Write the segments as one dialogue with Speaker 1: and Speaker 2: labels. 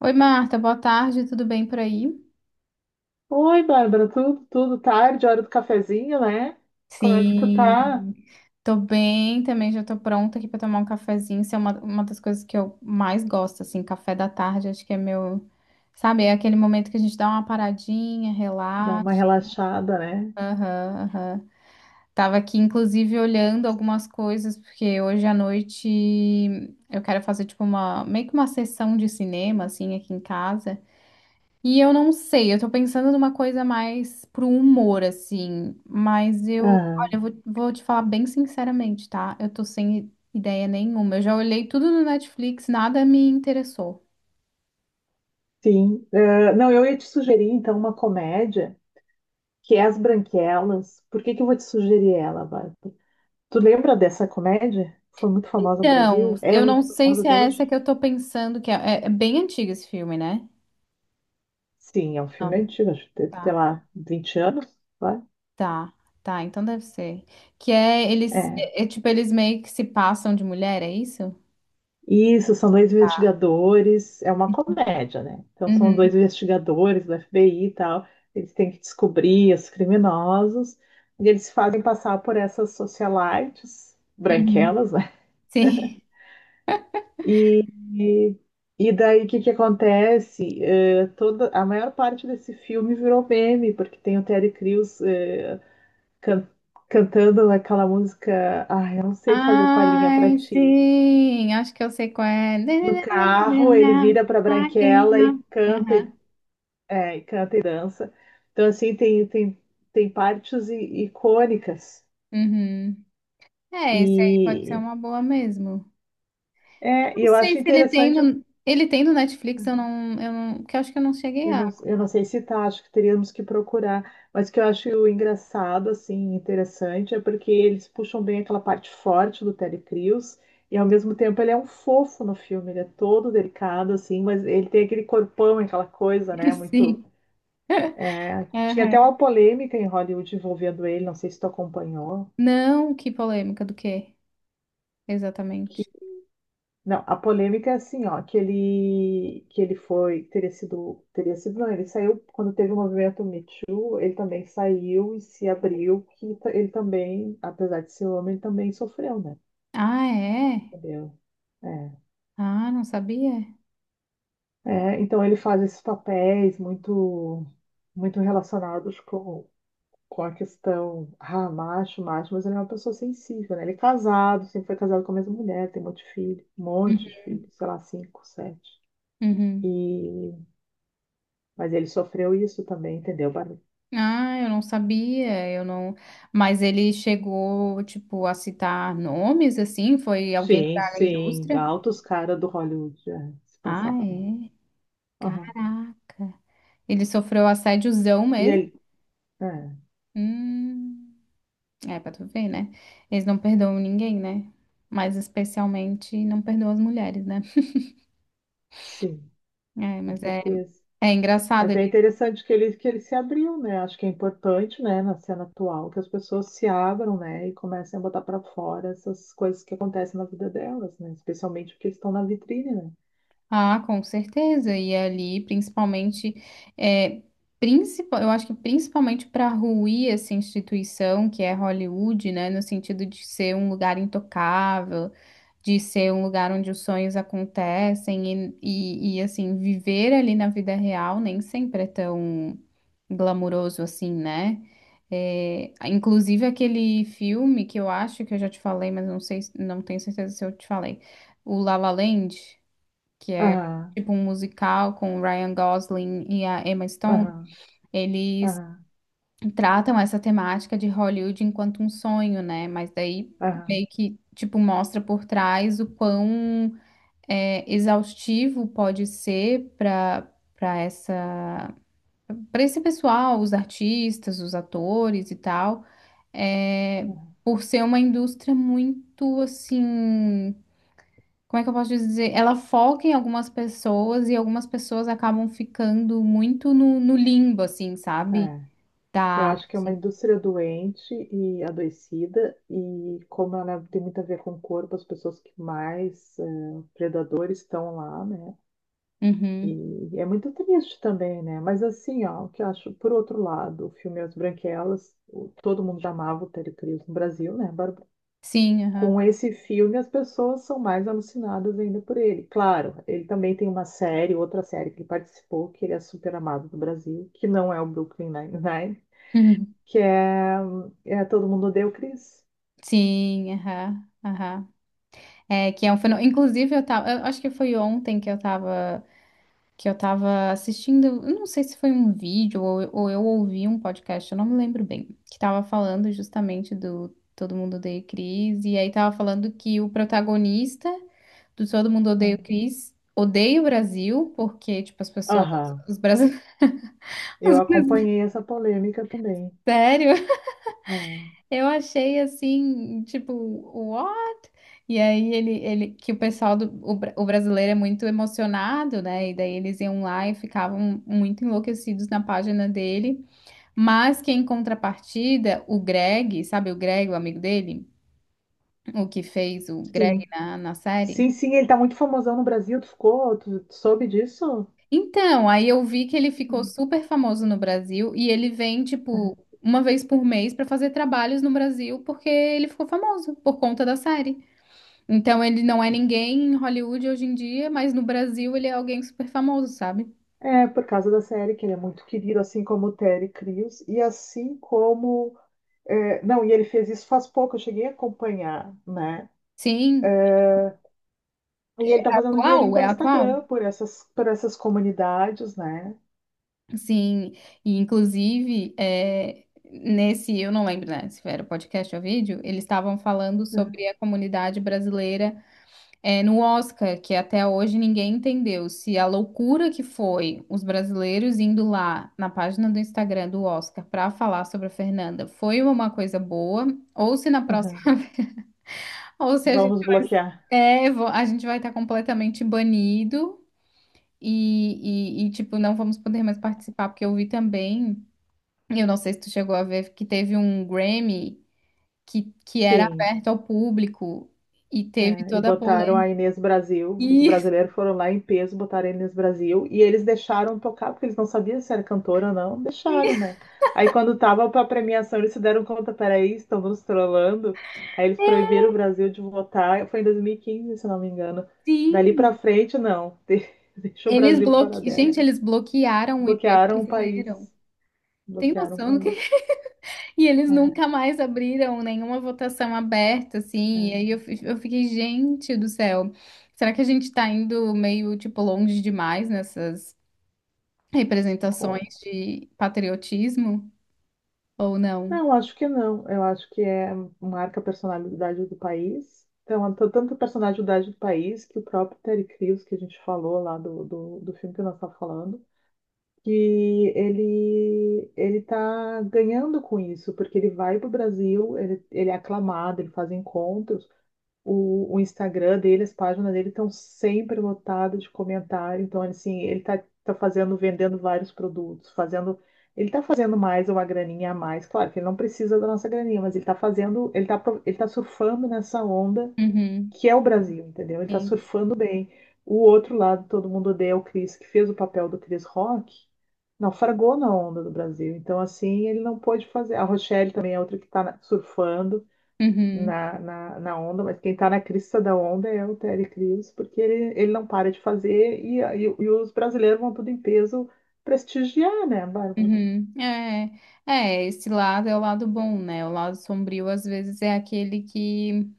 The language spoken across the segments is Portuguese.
Speaker 1: Oi, Marta, boa tarde, tudo bem por aí?
Speaker 2: Oi, Bárbara, tudo tarde, hora do cafezinho, né? Como é que tu tá?
Speaker 1: Sim, tô bem também, já tô pronta aqui pra tomar um cafezinho. Isso é uma das coisas que eu mais gosto, assim, café da tarde, acho que é meu, sabe, é aquele momento que a gente dá uma paradinha,
Speaker 2: Dá uma
Speaker 1: relaxa.
Speaker 2: relaxada, né?
Speaker 1: Aham, aham. Tava aqui, inclusive, olhando algumas coisas, porque hoje à noite eu quero fazer, tipo, uma, meio que uma sessão de cinema, assim, aqui em casa. E eu não sei, eu tô pensando numa coisa mais pro humor, assim, mas eu, olha,
Speaker 2: Ah,
Speaker 1: eu vou te falar bem sinceramente, tá? Eu tô sem ideia nenhuma. Eu já olhei tudo no Netflix, nada me interessou.
Speaker 2: sim. Ah, não, eu ia te sugerir, então, uma comédia, que é As Branquelas. Por que que eu vou te sugerir ela, Bárbara? Tu lembra dessa comédia? Foi muito famosa no
Speaker 1: Então,
Speaker 2: Brasil? É
Speaker 1: eu não
Speaker 2: muito
Speaker 1: sei
Speaker 2: famosa
Speaker 1: se
Speaker 2: até
Speaker 1: é
Speaker 2: hoje?
Speaker 1: essa que eu tô pensando, que é, é bem antigo esse filme, né?
Speaker 2: Sim, é um filme
Speaker 1: Não,
Speaker 2: antigo, acho que, tem, sei
Speaker 1: tá,
Speaker 2: lá, 20 anos, vai?
Speaker 1: tá, tá, então deve ser. Que é eles,
Speaker 2: É.
Speaker 1: é, é tipo, eles meio que se passam de mulher, é isso?
Speaker 2: Isso, são dois investigadores, é uma comédia, né? Então são
Speaker 1: Uhum,
Speaker 2: dois investigadores do FBI e tal, eles têm que descobrir os criminosos, e eles fazem passar por essas socialites
Speaker 1: uhum.
Speaker 2: branquelas, né?
Speaker 1: Sim.
Speaker 2: E daí o que que acontece? Toda, a maior parte desse filme virou meme, porque tem o Terry Crews can- cantando aquela música, ah, eu não sei fazer palhinha pra
Speaker 1: Ai,
Speaker 2: ti.
Speaker 1: sim, acho que eu sei qual é.
Speaker 2: No carro, ele vira pra Branquela e canta, e
Speaker 1: Aham,
Speaker 2: É, e canta e dança. Então, assim, tem partes icônicas.
Speaker 1: uhum. É, esse aí pode ser
Speaker 2: E,
Speaker 1: uma boa mesmo. Eu
Speaker 2: é, e
Speaker 1: não
Speaker 2: eu
Speaker 1: sei
Speaker 2: acho
Speaker 1: se ele tem
Speaker 2: interessante,
Speaker 1: no, ele tem no Netflix, eu não, que eu acho que eu não cheguei a.
Speaker 2: eu não sei se tá, acho que teríamos que procurar, mas o que eu acho engraçado, assim, interessante, é porque eles puxam bem aquela parte forte do Terry Crews, e ao mesmo tempo ele é um fofo no filme, ele é todo delicado, assim, mas ele tem aquele corpão, aquela coisa, né, muito...
Speaker 1: Sim.
Speaker 2: é, tinha até
Speaker 1: Aham.
Speaker 2: uma polêmica em Hollywood envolvendo ele, não sei se tu acompanhou.
Speaker 1: Não, que polêmica do quê? Exatamente.
Speaker 2: Não, a polêmica é assim, ó, que ele foi, teria sido, não, ele saiu, quando teve o movimento Me Too, ele também saiu e se abriu, que ele também, apesar de ser homem, também sofreu, né?
Speaker 1: Ah, é?
Speaker 2: Entendeu? É.
Speaker 1: Ah, não sabia.
Speaker 2: É, então ele faz esses papéis muito, muito relacionados com a questão, ah, macho, macho, mas ele é uma pessoa sensível, né? Ele é casado, sempre foi casado com a mesma mulher, tem um monte de filho, um
Speaker 1: Uhum.
Speaker 2: monte de filho, sei lá, cinco, sete.
Speaker 1: Uhum.
Speaker 2: E Mas ele sofreu isso também, entendeu, Bárbara?
Speaker 1: Ah, eu não sabia, eu não. Mas ele chegou, tipo, a citar nomes, assim? Foi alguém
Speaker 2: Sim,
Speaker 1: da
Speaker 2: sim.
Speaker 1: indústria?
Speaker 2: Altos caras do Hollywood é, se
Speaker 1: Ah,
Speaker 2: passar com.
Speaker 1: é.
Speaker 2: Aham.
Speaker 1: Caraca. Ele sofreu assédiozão
Speaker 2: E
Speaker 1: mesmo?
Speaker 2: ele. É,
Speaker 1: Hum, é pra tu ver, né? Eles não perdoam ninguém, né? Mas especialmente não perdoam as mulheres, né?
Speaker 2: sim,
Speaker 1: É,
Speaker 2: com
Speaker 1: mas é,
Speaker 2: certeza.
Speaker 1: é engraçado.
Speaker 2: Mas é interessante que ele se abriu, né? Acho que é importante, né, na cena atual, que as pessoas se abram, né, e comecem a botar pra fora essas coisas que acontecem na vida delas, né? Especialmente porque eles estão na vitrine, né?
Speaker 1: Ah, com certeza. E ali, principalmente, é, principal, eu acho que principalmente para ruir essa instituição que é Hollywood, né, no sentido de ser um lugar intocável, de ser um lugar onde os sonhos acontecem e assim, viver ali na vida real nem sempre é tão glamuroso assim, né? É, inclusive aquele filme que eu acho que eu já te falei, mas não sei, não tenho certeza se eu te falei, o La La Land que é
Speaker 2: Aham,
Speaker 1: tipo um musical com o Ryan Gosling e a Emma Stone,
Speaker 2: aham,
Speaker 1: eles
Speaker 2: aham,
Speaker 1: tratam essa temática de Hollywood enquanto um sonho, né? Mas daí
Speaker 2: aham,
Speaker 1: meio que tipo mostra por trás o quão é, exaustivo pode ser para essa para esse pessoal, os artistas, os atores e tal, é,
Speaker 2: aham.
Speaker 1: por ser uma indústria muito assim, como é que eu posso dizer? Ela foca em algumas pessoas e algumas pessoas acabam ficando muito no limbo, assim, sabe?
Speaker 2: É.
Speaker 1: Da
Speaker 2: Eu acho que é uma
Speaker 1: arte.
Speaker 2: indústria doente e adoecida, e como ela tem muito a ver com o corpo, as pessoas que mais predadores estão lá, né?
Speaker 1: Uhum.
Speaker 2: E é muito triste também, né? Mas assim, ó, o que eu acho, por outro lado, o filme As Branquelas, todo mundo já amava o Terry Crews no Brasil, né, Bárbara?
Speaker 1: Sim, aham.
Speaker 2: Com esse filme, as pessoas são mais alucinadas ainda por ele. Claro, ele também tem uma série, outra série que ele participou, que ele é super amado do Brasil, que não é o Brooklyn Nine-Nine,
Speaker 1: Uhum.
Speaker 2: que é, é Todo Mundo Odeia o Chris.
Speaker 1: Sim, aham, aham. É, que é um fenômeno. Inclusive, eu tava. Eu acho que foi ontem que eu tava. Que eu tava assistindo, eu não sei se foi um vídeo ou eu ouvi um podcast, eu não me lembro bem, que tava falando justamente do Todo Mundo Odeia o Chris, e aí tava falando que o protagonista do Todo Mundo Odeia o
Speaker 2: Né?
Speaker 1: Chris odeia o Brasil, porque, tipo, as pessoas,
Speaker 2: Aham.
Speaker 1: os brasileiros,
Speaker 2: Eu acompanhei essa polêmica também.
Speaker 1: sério.
Speaker 2: Né?
Speaker 1: Eu achei assim, tipo, what? E aí ele que o pessoal do o, o brasileiro é muito emocionado, né? E daí eles iam lá e ficavam muito enlouquecidos na página dele. Mas que em contrapartida, o Greg, sabe o Greg, o amigo dele, o que fez o
Speaker 2: Sim.
Speaker 1: Greg na série?
Speaker 2: Sim, sim, ele tá muito famosão no Brasil, tu ficou, tu soube disso?
Speaker 1: Então, aí eu vi que ele ficou
Speaker 2: Hum.
Speaker 1: super famoso no Brasil e ele vem,
Speaker 2: Aham.
Speaker 1: tipo, uma vez por mês pra fazer trabalhos no Brasil porque ele ficou famoso por conta da série. Então ele não é ninguém em Hollywood hoje em dia, mas no Brasil ele é alguém super famoso, sabe?
Speaker 2: É, por causa da série, que ele é muito querido, assim como o Terry Crews, e assim como... é, não, e ele fez isso faz pouco, eu cheguei a acompanhar, né?
Speaker 1: Sim,
Speaker 2: E ele tá fazendo um dinheirinho
Speaker 1: atual, é
Speaker 2: pelo Instagram,
Speaker 1: atual.
Speaker 2: por essas comunidades, né?
Speaker 1: Sim, e inclusive é, nesse, eu não lembro, né, se era podcast ou vídeo, eles estavam falando
Speaker 2: Hum.
Speaker 1: sobre a comunidade brasileira é, no Oscar, que até hoje ninguém entendeu se a loucura que foi os brasileiros indo lá na página do Instagram do Oscar para falar sobre a Fernanda foi uma coisa boa, ou se na próxima
Speaker 2: Aham.
Speaker 1: ou se a
Speaker 2: Vão
Speaker 1: gente...
Speaker 2: nos bloquear.
Speaker 1: É, a gente vai estar completamente banido e, tipo, não vamos poder mais participar, porque eu vi também, eu não sei se tu chegou a ver, que teve um Grammy que era
Speaker 2: Sim.
Speaker 1: aberto ao público e teve
Speaker 2: É, e
Speaker 1: toda a
Speaker 2: botaram a
Speaker 1: polêmica.
Speaker 2: Inês Brasil. Os
Speaker 1: E,
Speaker 2: brasileiros foram lá em peso, botaram a Inês Brasil. E eles deixaram tocar, porque eles não sabiam se era cantora ou não. Deixaram, né? Aí quando tava pra premiação, eles se deram conta, peraí, estão nos trollando. Aí eles proibiram o Brasil de votar. Foi em 2015, se não me engano. Dali pra
Speaker 1: sim,
Speaker 2: frente, não. Deixa o
Speaker 1: eles
Speaker 2: Brasil fora
Speaker 1: bloque...
Speaker 2: dessa.
Speaker 1: Gente, eles bloquearam o IP
Speaker 2: Bloquearam o país.
Speaker 1: brasileiro. Tem
Speaker 2: Bloquearam o
Speaker 1: noção do...
Speaker 2: país.
Speaker 1: E eles
Speaker 2: É,
Speaker 1: nunca mais abriram nenhuma votação aberta, assim. E aí
Speaker 2: é.
Speaker 1: eu, eu fiquei, gente do céu, será que a gente tá indo meio, tipo, longe demais nessas representações
Speaker 2: com-
Speaker 1: de patriotismo ou não?
Speaker 2: Não, acho que não. Eu acho que é marca a personalidade do país. Então, tanto a personalidade do país que o próprio Terry Crews, que a gente falou lá do filme que nós estamos falando, que ele tá ganhando com isso, porque ele vai para o Brasil, ele é aclamado, ele faz encontros. O Instagram dele, as páginas dele estão sempre lotadas de comentário. Então, assim, ele tá, tá fazendo, vendendo vários produtos, fazendo. Ele tá fazendo mais uma graninha a mais. Claro que ele não precisa da nossa graninha, mas ele tá fazendo, ele tá, ele tá surfando nessa onda
Speaker 1: Uhum,
Speaker 2: que é o Brasil, entendeu? Ele tá
Speaker 1: sim.
Speaker 2: surfando bem. O outro lado, todo mundo odeia o Chris, que fez o papel do Chris Rock, naufragou na onda do Brasil. Então, assim, ele não pôde fazer. A Rochelle também é outra que tá surfando
Speaker 1: Uhum,
Speaker 2: na onda, mas quem está na crista da onda é o Terry Crews, porque ele não para de fazer e os brasileiros vão tudo em peso prestigiar, né, Bárbara?
Speaker 1: uhum. É, é, esse lado é o lado bom, né? O lado sombrio, às vezes, é aquele que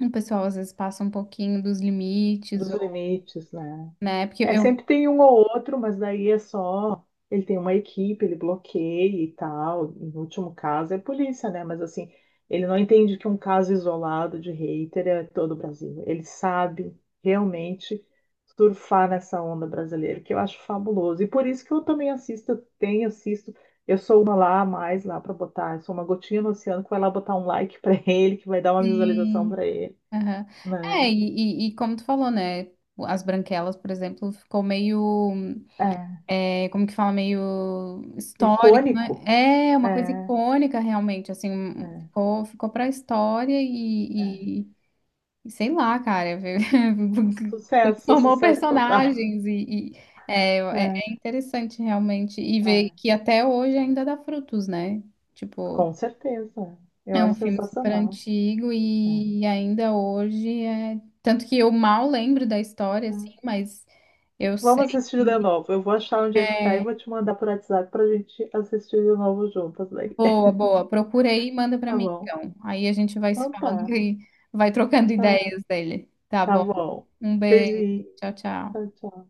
Speaker 1: o pessoal, às vezes, passa um pouquinho dos limites,
Speaker 2: Dos
Speaker 1: ou,
Speaker 2: limites, né?
Speaker 1: né? Porque
Speaker 2: É,
Speaker 1: eu...
Speaker 2: sempre tem um ou outro, mas daí é só. Ele tem uma equipe, ele bloqueia e tal. No último caso é a polícia, né? Mas assim, ele não entende que um caso isolado de hater é todo o Brasil. Ele sabe realmente surfar nessa onda brasileira, que eu acho fabuloso. E por isso que eu também assisto, eu tenho, assisto. Eu sou uma lá a mais lá para botar. Eu sou uma gotinha no oceano que vai lá botar um like para ele, que vai dar uma visualização para ele,
Speaker 1: Aham. É,
Speaker 2: né?
Speaker 1: e, e como tu falou, né? As branquelas, por exemplo, ficou meio,
Speaker 2: É.
Speaker 1: é, como que fala, meio histórico, né?
Speaker 2: Icônico.
Speaker 1: É uma coisa
Speaker 2: É,
Speaker 1: icônica, realmente, assim, um,
Speaker 2: é.
Speaker 1: ficou, ficou pra história e sei lá, cara,
Speaker 2: Sucesso,
Speaker 1: transformou
Speaker 2: sucesso total.
Speaker 1: personagens e é, é é interessante, realmente, e ver
Speaker 2: É.
Speaker 1: que até hoje ainda dá frutos, né? Tipo.
Speaker 2: Com certeza. Eu
Speaker 1: É um
Speaker 2: acho
Speaker 1: filme super
Speaker 2: sensacional.
Speaker 1: antigo
Speaker 2: É.
Speaker 1: e ainda hoje é. Tanto que eu mal lembro da história, assim,
Speaker 2: É.
Speaker 1: mas eu sei
Speaker 2: Vamos assistir de
Speaker 1: que
Speaker 2: novo. Eu vou achar onde é que tá e
Speaker 1: é
Speaker 2: vou te mandar por WhatsApp pra gente assistir de novo juntas aí.
Speaker 1: boa, boa. Procura aí e manda pra
Speaker 2: Tá
Speaker 1: mim,
Speaker 2: bom?
Speaker 1: então. Aí a gente vai se
Speaker 2: Então
Speaker 1: falando
Speaker 2: tá.
Speaker 1: e vai trocando
Speaker 2: Ah,
Speaker 1: ideias dele. Tá
Speaker 2: tá
Speaker 1: bom?
Speaker 2: bom.
Speaker 1: Um beijo.
Speaker 2: Beijinho.
Speaker 1: Tchau,
Speaker 2: Tchau,
Speaker 1: tchau.
Speaker 2: tchau.